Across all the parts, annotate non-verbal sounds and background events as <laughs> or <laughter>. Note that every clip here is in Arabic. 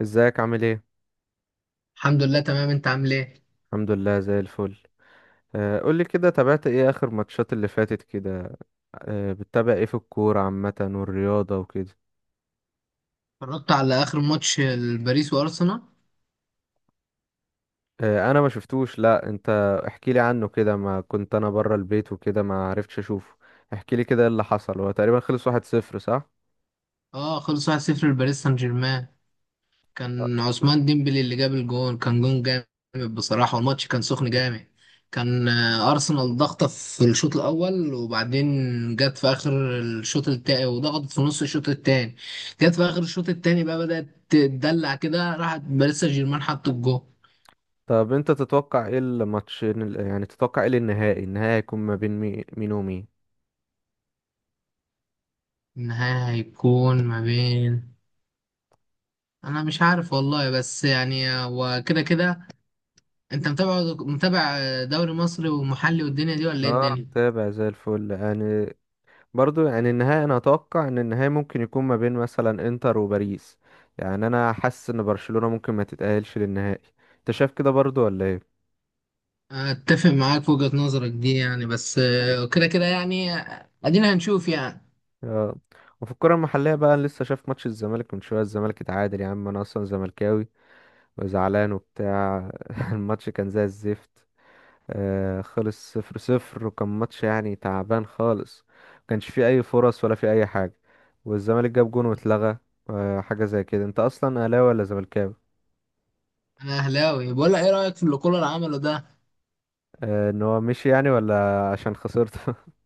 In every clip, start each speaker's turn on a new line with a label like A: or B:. A: ازيك عامل ايه؟
B: الحمد لله تمام، انت عامل ايه؟
A: الحمد لله زي الفل. قولي كده، تابعت ايه اخر ماتشات اللي فاتت كده؟ بتتابع ايه في الكورة عامة والرياضة وكده؟
B: اتفرجت على اخر ماتش الباريس وارسنال.
A: انا ما شفتوش. لا انت احكي لي عنه كده، ما كنت انا بره البيت وكده ما عرفتش اشوفه. احكي لي كده ايه اللي حصل، هو تقريبا خلص 1-0 صح؟
B: اه، خلص 1-0 لباريس سان جيرمان. كان عثمان ديمبلي اللي جاب الجون، كان جون جامد بصراحة. والماتش كان سخن جامد. كان ارسنال ضغطة في الشوط الاول، وبعدين جت في اخر الشوط التاني وضغطت في نص الشوط التاني. جت في اخر الشوط التاني بقى بدأت تدلع كده، راحت باريس سان جيرمان حط الجون.
A: طب انت تتوقع ايه الماتش، يعني تتوقع ايه النهائي هيكون ما بين مين ومين؟
B: النهاية هيكون ما بين، انا مش عارف والله، بس يعني هو كده كده. انت متابع دوري مصري ومحلي والدنيا دي، ولا ايه
A: اه،
B: الدنيا؟
A: متابع زي الفل يعني. برضو يعني النهاية أنا أتوقع إن النهاية ممكن يكون ما بين مثلا إنتر وباريس. يعني أنا حاسس إن برشلونة ممكن ما تتأهلش للنهائي. أنت شايف كده برضو ولا إيه؟
B: اتفق معاك في وجهة نظرك دي يعني، بس كده كده يعني، ادينا هنشوف يعني.
A: آه. وفي الكرة المحلية بقى، أنا لسه شايف ماتش الزمالك من شوية، الزمالك اتعادل يا عم. أنا أصلا زملكاوي وزعلان وبتاع <laughs> الماتش كان زي الزفت. خلص 0-0، وكان ماتش يعني تعبان خالص. مكانش فيه أي فرص ولا فيه أي حاجة. والزمالك جاب جون واتلغى. آه، حاجة زي كده. أنت أصلا أهلاوي ولا زملكاوي؟
B: انا اهلاوي. بقول لك، ايه رايك في اللي كولر عمله ده؟
A: ان هو مشي يعني، ولا عشان خسرته؟ <laughs>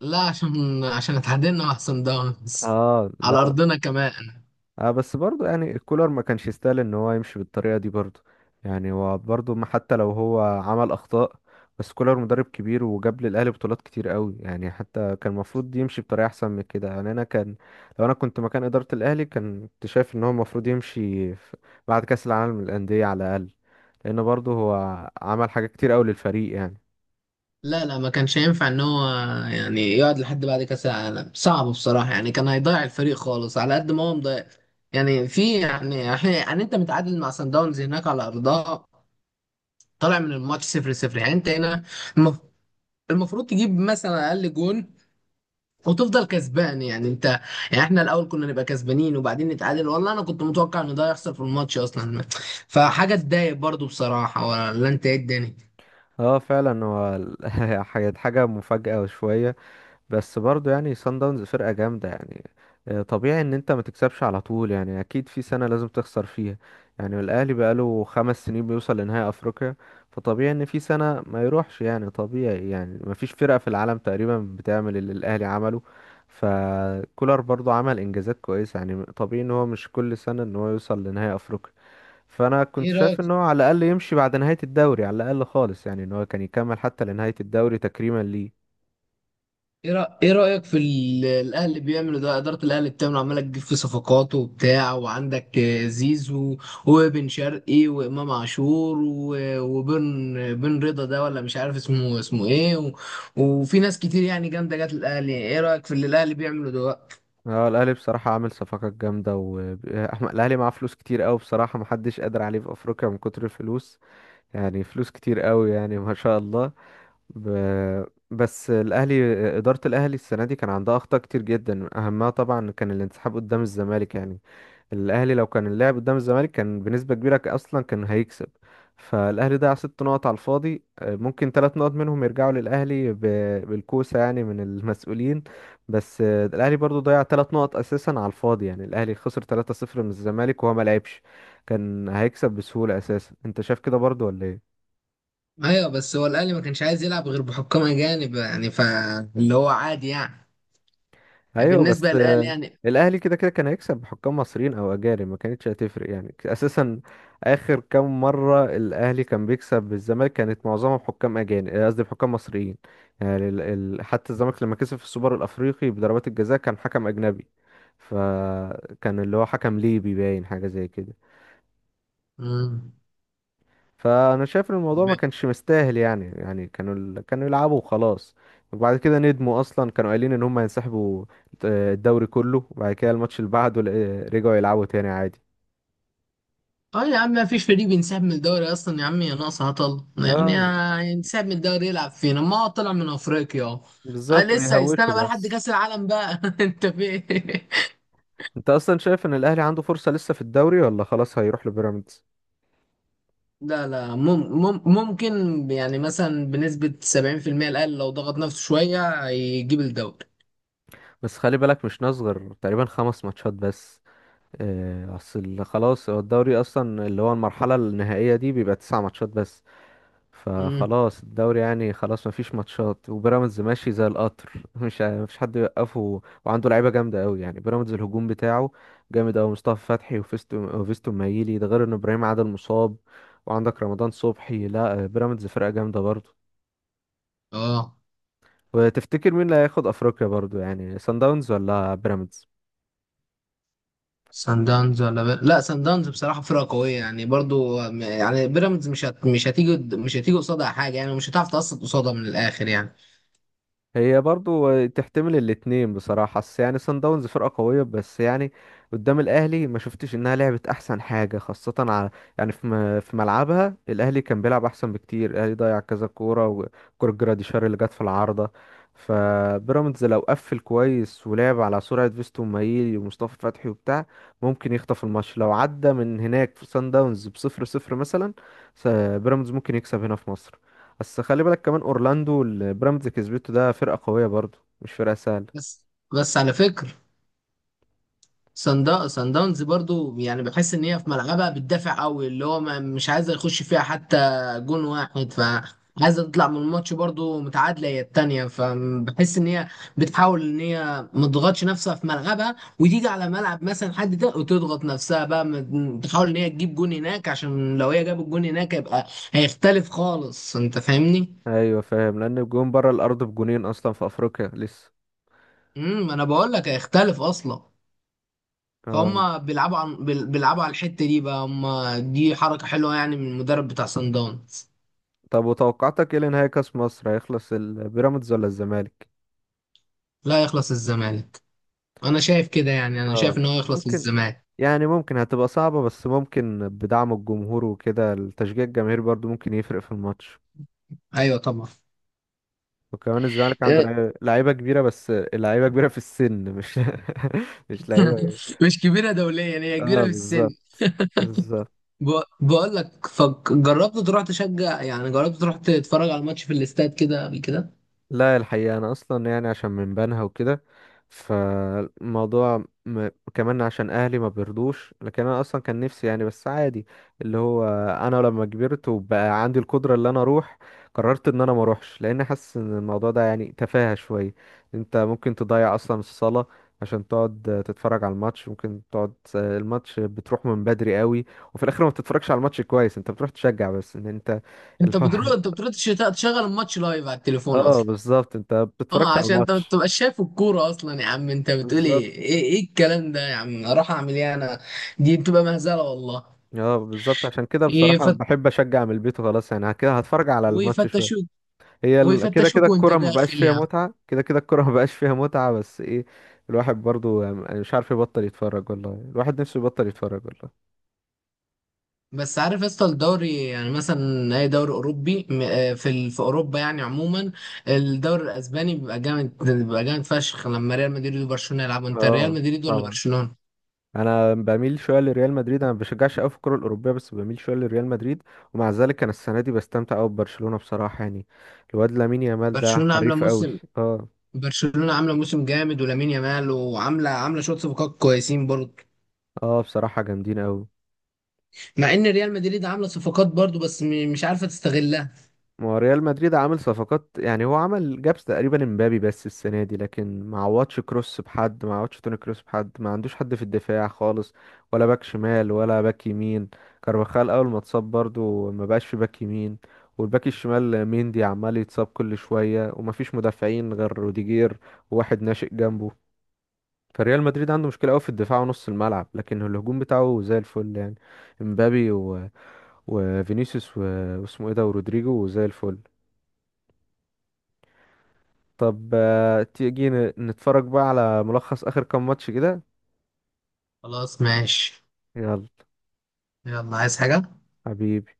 B: لا، عشان اتعادلنا مع صن داونز
A: اه
B: على
A: لا.
B: ارضنا كمان.
A: بس برضو يعني الكولر ما كانش يستاهل ان هو يمشي بالطريقه دي برضو. يعني هو برضو ما، حتى لو هو عمل اخطاء، بس كولر مدرب كبير وجاب للاهلي بطولات كتير قوي، يعني حتى كان المفروض يمشي بطريقه احسن من كده. يعني انا كان، لو انا كنت مكان اداره الاهلي، كنت شايف ان هو المفروض يمشي بعد كاس العالم للانديه على الاقل، لان برضو هو عمل حاجات كتير قوي للفريق يعني.
B: لا لا، ما كانش ينفع ان هو يعني يقعد لحد بعد كاس العالم، صعب بصراحه يعني. كان هيضيع الفريق خالص على قد ما هو مضيع يعني. في، يعني انت متعادل مع صن داونز هناك على ارضها، طالع من الماتش صفر صفر، يعني انت هنا المف- المفروض تجيب مثلا اقل جون وتفضل كسبان، يعني انت، يعني احنا الاول كنا نبقى كسبانين وبعدين نتعادل. والله انا كنت متوقع ان ده يحصل في الماتش اصلا، فحاجه تضايق برضو بصراحه. ولا انت، ايه الدنيا؟
A: اه فعلا، هو <laughs> حاجة مفاجاه شويه. بس برضو يعني سان داونز فرقة جامدة يعني. طبيعي ان انت ما تكسبش على طول يعني، اكيد في سنة لازم تخسر فيها. يعني الاهلي بقاله 5 سنين بيوصل لنهائي افريقيا، فطبيعي ان في سنة ما يروحش يعني. طبيعي، يعني ما فيش فرقة في العالم تقريبا بتعمل اللي الاهلي عمله. فكولر برضو عمل انجازات كويسة، يعني طبيعي ان هو مش كل سنة ان هو يوصل لنهائي افريقيا. فانا كنت
B: ايه
A: شايف
B: رايك،
A: ان هو على الاقل يمشي بعد نهاية الدوري على الاقل خالص، يعني ان هو كان يكمل حتى لنهاية الدوري تكريما ليه.
B: إيه رأيك في الاهلي بيعملوا ده؟ ادارة الاهلي بتعمل عمالة، تجيب في صفقات وبتاع، وعندك زيزو وبن شرقي وامام عاشور وبن رضا ده، ولا مش عارف اسمه، اسمه ايه، وفي ناس كتير يعني جامدة جت الاهلي. ايه رأيك في اللي الاهلي بيعمله دلوقتي؟
A: اه الاهلي بصراحه عامل صفقات جامده و <laughs> الاهلي معاه فلوس كتير قوي بصراحه، محدش قادر عليه في افريقيا من كتر الفلوس. يعني فلوس كتير قوي يعني ما شاء الله. ب... بس الاهلي، اداره الاهلي السنه دي كان عندها اخطاء كتير جدا، اهمها طبعا كان الانسحاب قدام الزمالك يعني. الاهلي لو كان اللعب قدام الزمالك كان بنسبه كبيره اصلا كان هيكسب. فالاهلي ضيع 6 نقط على الفاضي، ممكن 3 نقط منهم يرجعوا للاهلي بالكوسه يعني من المسؤولين. بس الاهلي برضو ضيع 3 نقط اساسا على الفاضي، يعني الاهلي خسر 3-0 من الزمالك وهو ما لعبش. كان هيكسب بسهوله اساسا، انت شايف كده برضو ولا ايه؟
B: ايوه، بس هو الاهلي ما كانش عايز يلعب غير بحكام اجانب يعني، فاللي هو عادي يعني
A: ايوه بس
B: بالنسبة للاهلي يعني.
A: الاهلي كده كده كان هيكسب بحكام مصريين او اجانب، ما كانتش هتفرق يعني اساسا. اخر كام مره الاهلي كان بيكسب بالزمالك كانت معظمها بحكام اجانب، آه، قصدي بحكام مصريين. يعني حتى الزمالك لما كسب في السوبر الافريقي بضربات الجزاء كان حكم اجنبي. فكان اللي هو حكم ليبي باين حاجه زي كده.
B: مم.
A: فانا شايف ان الموضوع ما كانش مستاهل يعني، يعني كانوا كانوا يلعبوا وخلاص. وبعد كده ندموا، اصلا كانوا قايلين ان هم هينسحبوا الدوري كله، وبعد كده الماتش اللي بعده رجعوا يلعبوا تاني عادي.
B: اه يا عم، ما فيش فريق بينسحب من الدوري اصلا يا عم، يا ناقص هطل
A: اه
B: يعني، ينسحب من الدوري يلعب فينا، ما هو طلع من افريقيا اهو. آه،
A: بالظبط،
B: لسه
A: بيهوشوا
B: هيستنى بقى لحد
A: بس.
B: كاس العالم بقى. <laughs> انت في إيه؟
A: انت اصلا شايف ان الاهلي عنده فرصة لسه في الدوري ولا خلاص هيروح لبيراميدز؟
B: لا لا، ممكن. يعني مثلا بنسبة 70% الأقل لو ضغط نفسه شوية يجيب الدوري.
A: بس خلي بالك مش نصغر، تقريبا 5 ماتشات بس. اصل خلاص هو الدوري اصلا اللي هو المرحلة النهائية دي بيبقى 9 ماتشات بس.
B: امم.
A: فخلاص الدوري يعني، خلاص مفيش ماتشات، وبيراميدز ماشي زي القطر <laughs> مش ع- مفيش حد يوقفه، وعنده لعيبه جامده قوي يعني. بيراميدز الهجوم بتاعه جامد قوي، مصطفى فتحي وفيستو، وفيستو مايلي ده، غير ان ابراهيم عادل مصاب، وعندك رمضان صبحي. لا بيراميدز فرقه جامده برضه.
B: اه،
A: وتفتكر مين اللي هياخد افريقيا برضه، يعني سان داونز ولا بيراميدز؟
B: سان داونز ولا لا، سان داونز بصراحة فرقة قوية يعني. برضو يعني بيراميدز مش هتيجي، قصادها حاجة يعني، مش هتعرف تقصد قصادها من الآخر يعني.
A: هي برضو تحتمل الاتنين بصراحة، بس يعني سان داونز فرقة قوية. بس يعني قدام الأهلي ما شفتش إنها لعبت أحسن حاجة، خاصة على، يعني في ملعبها الأهلي كان بيلعب أحسن بكتير. الأهلي ضيع كذا كورة، وكورة جراديشار اللي جت في العارضة. فبيراميدز لو قفل كويس ولعب على سرعة فيستو مايلي ومصطفى فتحي وبتاع، ممكن يخطف الماتش لو عدى من هناك في سان داونز ب0-0 مثلا. س- بيراميدز ممكن يكسب هنا في مصر. بس خلي بالك كمان، اورلاندو اللي بيراميدز كسبته ده فرقة قوية برضو، مش فرقة سهلة.
B: بس، على فكرة، سان داونز برضو يعني بحس ان هي في ملعبها بتدافع قوي، اللي هو ما مش عايزه يخش فيها حتى جون واحد، فعايزه تطلع من الماتش برضو متعادله هي التانيه. فبحس ان هي بتحاول ان هي ما تضغطش نفسها في ملعبها وتيجي على ملعب مثلا حد ده وتضغط نفسها بقى، تحاول ان هي تجيب جون هناك، عشان لو هي جابت جون هناك يبقى هيختلف خالص، انت فاهمني؟
A: ايوه فاهم، لان الجون بره الارض بجونين اصلا في افريقيا لسه.
B: امم، انا بقول لك هيختلف اصلا.
A: آه.
B: فهم بيلعبوا عن بيلعبوا على الحتة دي بقى هم. دي حركة حلوة يعني من المدرب بتاع سان داونز.
A: طب وتوقعاتك ايه لنهائي كاس مصر، هيخلص البيراميدز ولا الزمالك؟
B: لا، يخلص الزمالك. انا شايف كده يعني، انا
A: اه
B: شايف ان هو يخلص
A: ممكن.
B: للزمالك.
A: يعني ممكن هتبقى صعبة، بس ممكن بدعم الجمهور وكده، التشجيع الجماهيري برضو ممكن يفرق في الماتش.
B: ايوه طبعا.
A: وكمان الزمالك عنده
B: آه،
A: لعيبة كبيرة، بس اللعيبة كبيرة في السن، مش <laughs> مش لعيبة.
B: مش كبيرة دوليا، هي كبيرة
A: اه
B: في السن.
A: بالظبط. بالظبط.
B: بقول لك، جربت تروح تشجع، يعني جربت تروح تتفرج على الماتش في الاستاد كده قبل كده؟
A: لا الحقيقة، أنا أصلا يعني عشان من بنها وكده، فالموضوع كمان عشان أهلي ما بيرضوش، لكن أنا أصلا كان نفسي يعني، بس عادي. اللي هو، أنا لما كبرت وبقى عندي القدرة اللي أنا أروح، قررت إن أنا ما أروحش، لأن حاسس إن الموضوع ده يعني تفاهة شوية. أنت ممكن تضيع أصلا الصلاة عشان تقعد تتفرج على الماتش. ممكن تقعد الماتش بتروح من بدري قوي، وفي الآخر ما بتتفرجش على الماتش كويس، أنت بتروح تشجع بس إن أنت
B: انت بتروح،
A: الحوار.
B: تشغل الماتش لايف على
A: <laughs>
B: التليفون
A: اه
B: اصلا.
A: بالظبط، انت بتتفرجش
B: اه،
A: على
B: عشان انت ما
A: الماتش.
B: بتبقاش شايف الكوره اصلا يا عم، انت بتقول
A: بالظبط.
B: ايه، ايه الكلام ده يا عم، اروح اعمل ايه انا؟ دي بتبقى مهزله والله.
A: اه بالظبط، عشان كده بصراحة
B: يفت...
A: بحب اشجع من البيت وخلاص، يعني كده هتفرج على الماتش شوية.
B: ويفتشوك،
A: هي كده كده
B: وانت
A: الكرة ما بقاش
B: داخل
A: فيها
B: يا عم.
A: متعة، كده كده الكرة <laughs> ما بقاش فيها متعة، بس ايه؟ الواحد برضو يعني مش عارف يبطل يتفرج والله، الواحد نفسه يبطل يتفرج والله.
B: بس عارف يا اسطى، الدوري يعني مثلا اي دوري اوروبي، في في اوروبا يعني عموما، الدوري الاسباني بيبقى جامد، بيبقى جامد فشخ لما ريال مدريد وبرشلونه يلعبوا. انت ريال
A: اه
B: مدريد ولا
A: طبعا.
B: برشلونه؟
A: انا بميل شويه لريال مدريد، انا ما بشجعش قوي في الكره الاوروبيه بس بميل شويه لريال مدريد. ومع ذلك انا السنه دي بستمتع قوي ببرشلونه بصراحه يعني. الواد لامين يامال ده
B: برشلونه عامله
A: حريف قوي.
B: موسم،
A: اه.
B: برشلونه عامله موسم جامد، ولامين يامال، وعامله شويه صفقات كويسين برضه.
A: اه بصراحه جامدين قوي.
B: مع ان ريال مدريد عامله صفقات برضو، بس مش عارفه تستغلها.
A: ما هو ريال مدريد عامل صفقات يعني، هو عمل جابس تقريبا امبابي بس السنه دي، لكن ما عوضش كروس، بحد ما عوضش توني كروس، بحد ما عندوش حد في الدفاع خالص، ولا باك شمال ولا باك يمين. كارفاخال اول ما اتصاب برضو ما بقاش في باك يمين، والباك الشمال ميندي عمال يتصاب كل شويه، وما فيش مدافعين غير روديجير وواحد ناشئ جنبه. فريال مدريد عنده مشكله قوي في الدفاع ونص الملعب، لكن الهجوم بتاعه زي الفل يعني. امبابي و... وفينيسيوس و... واسمه ايه ده ورودريجو زي الفل. طب تيجي نتفرج بقى على ملخص آخر كام ماتش كده.
B: خلاص ماشي.
A: يلا
B: يلا، عايز حاجة؟
A: حبيبي.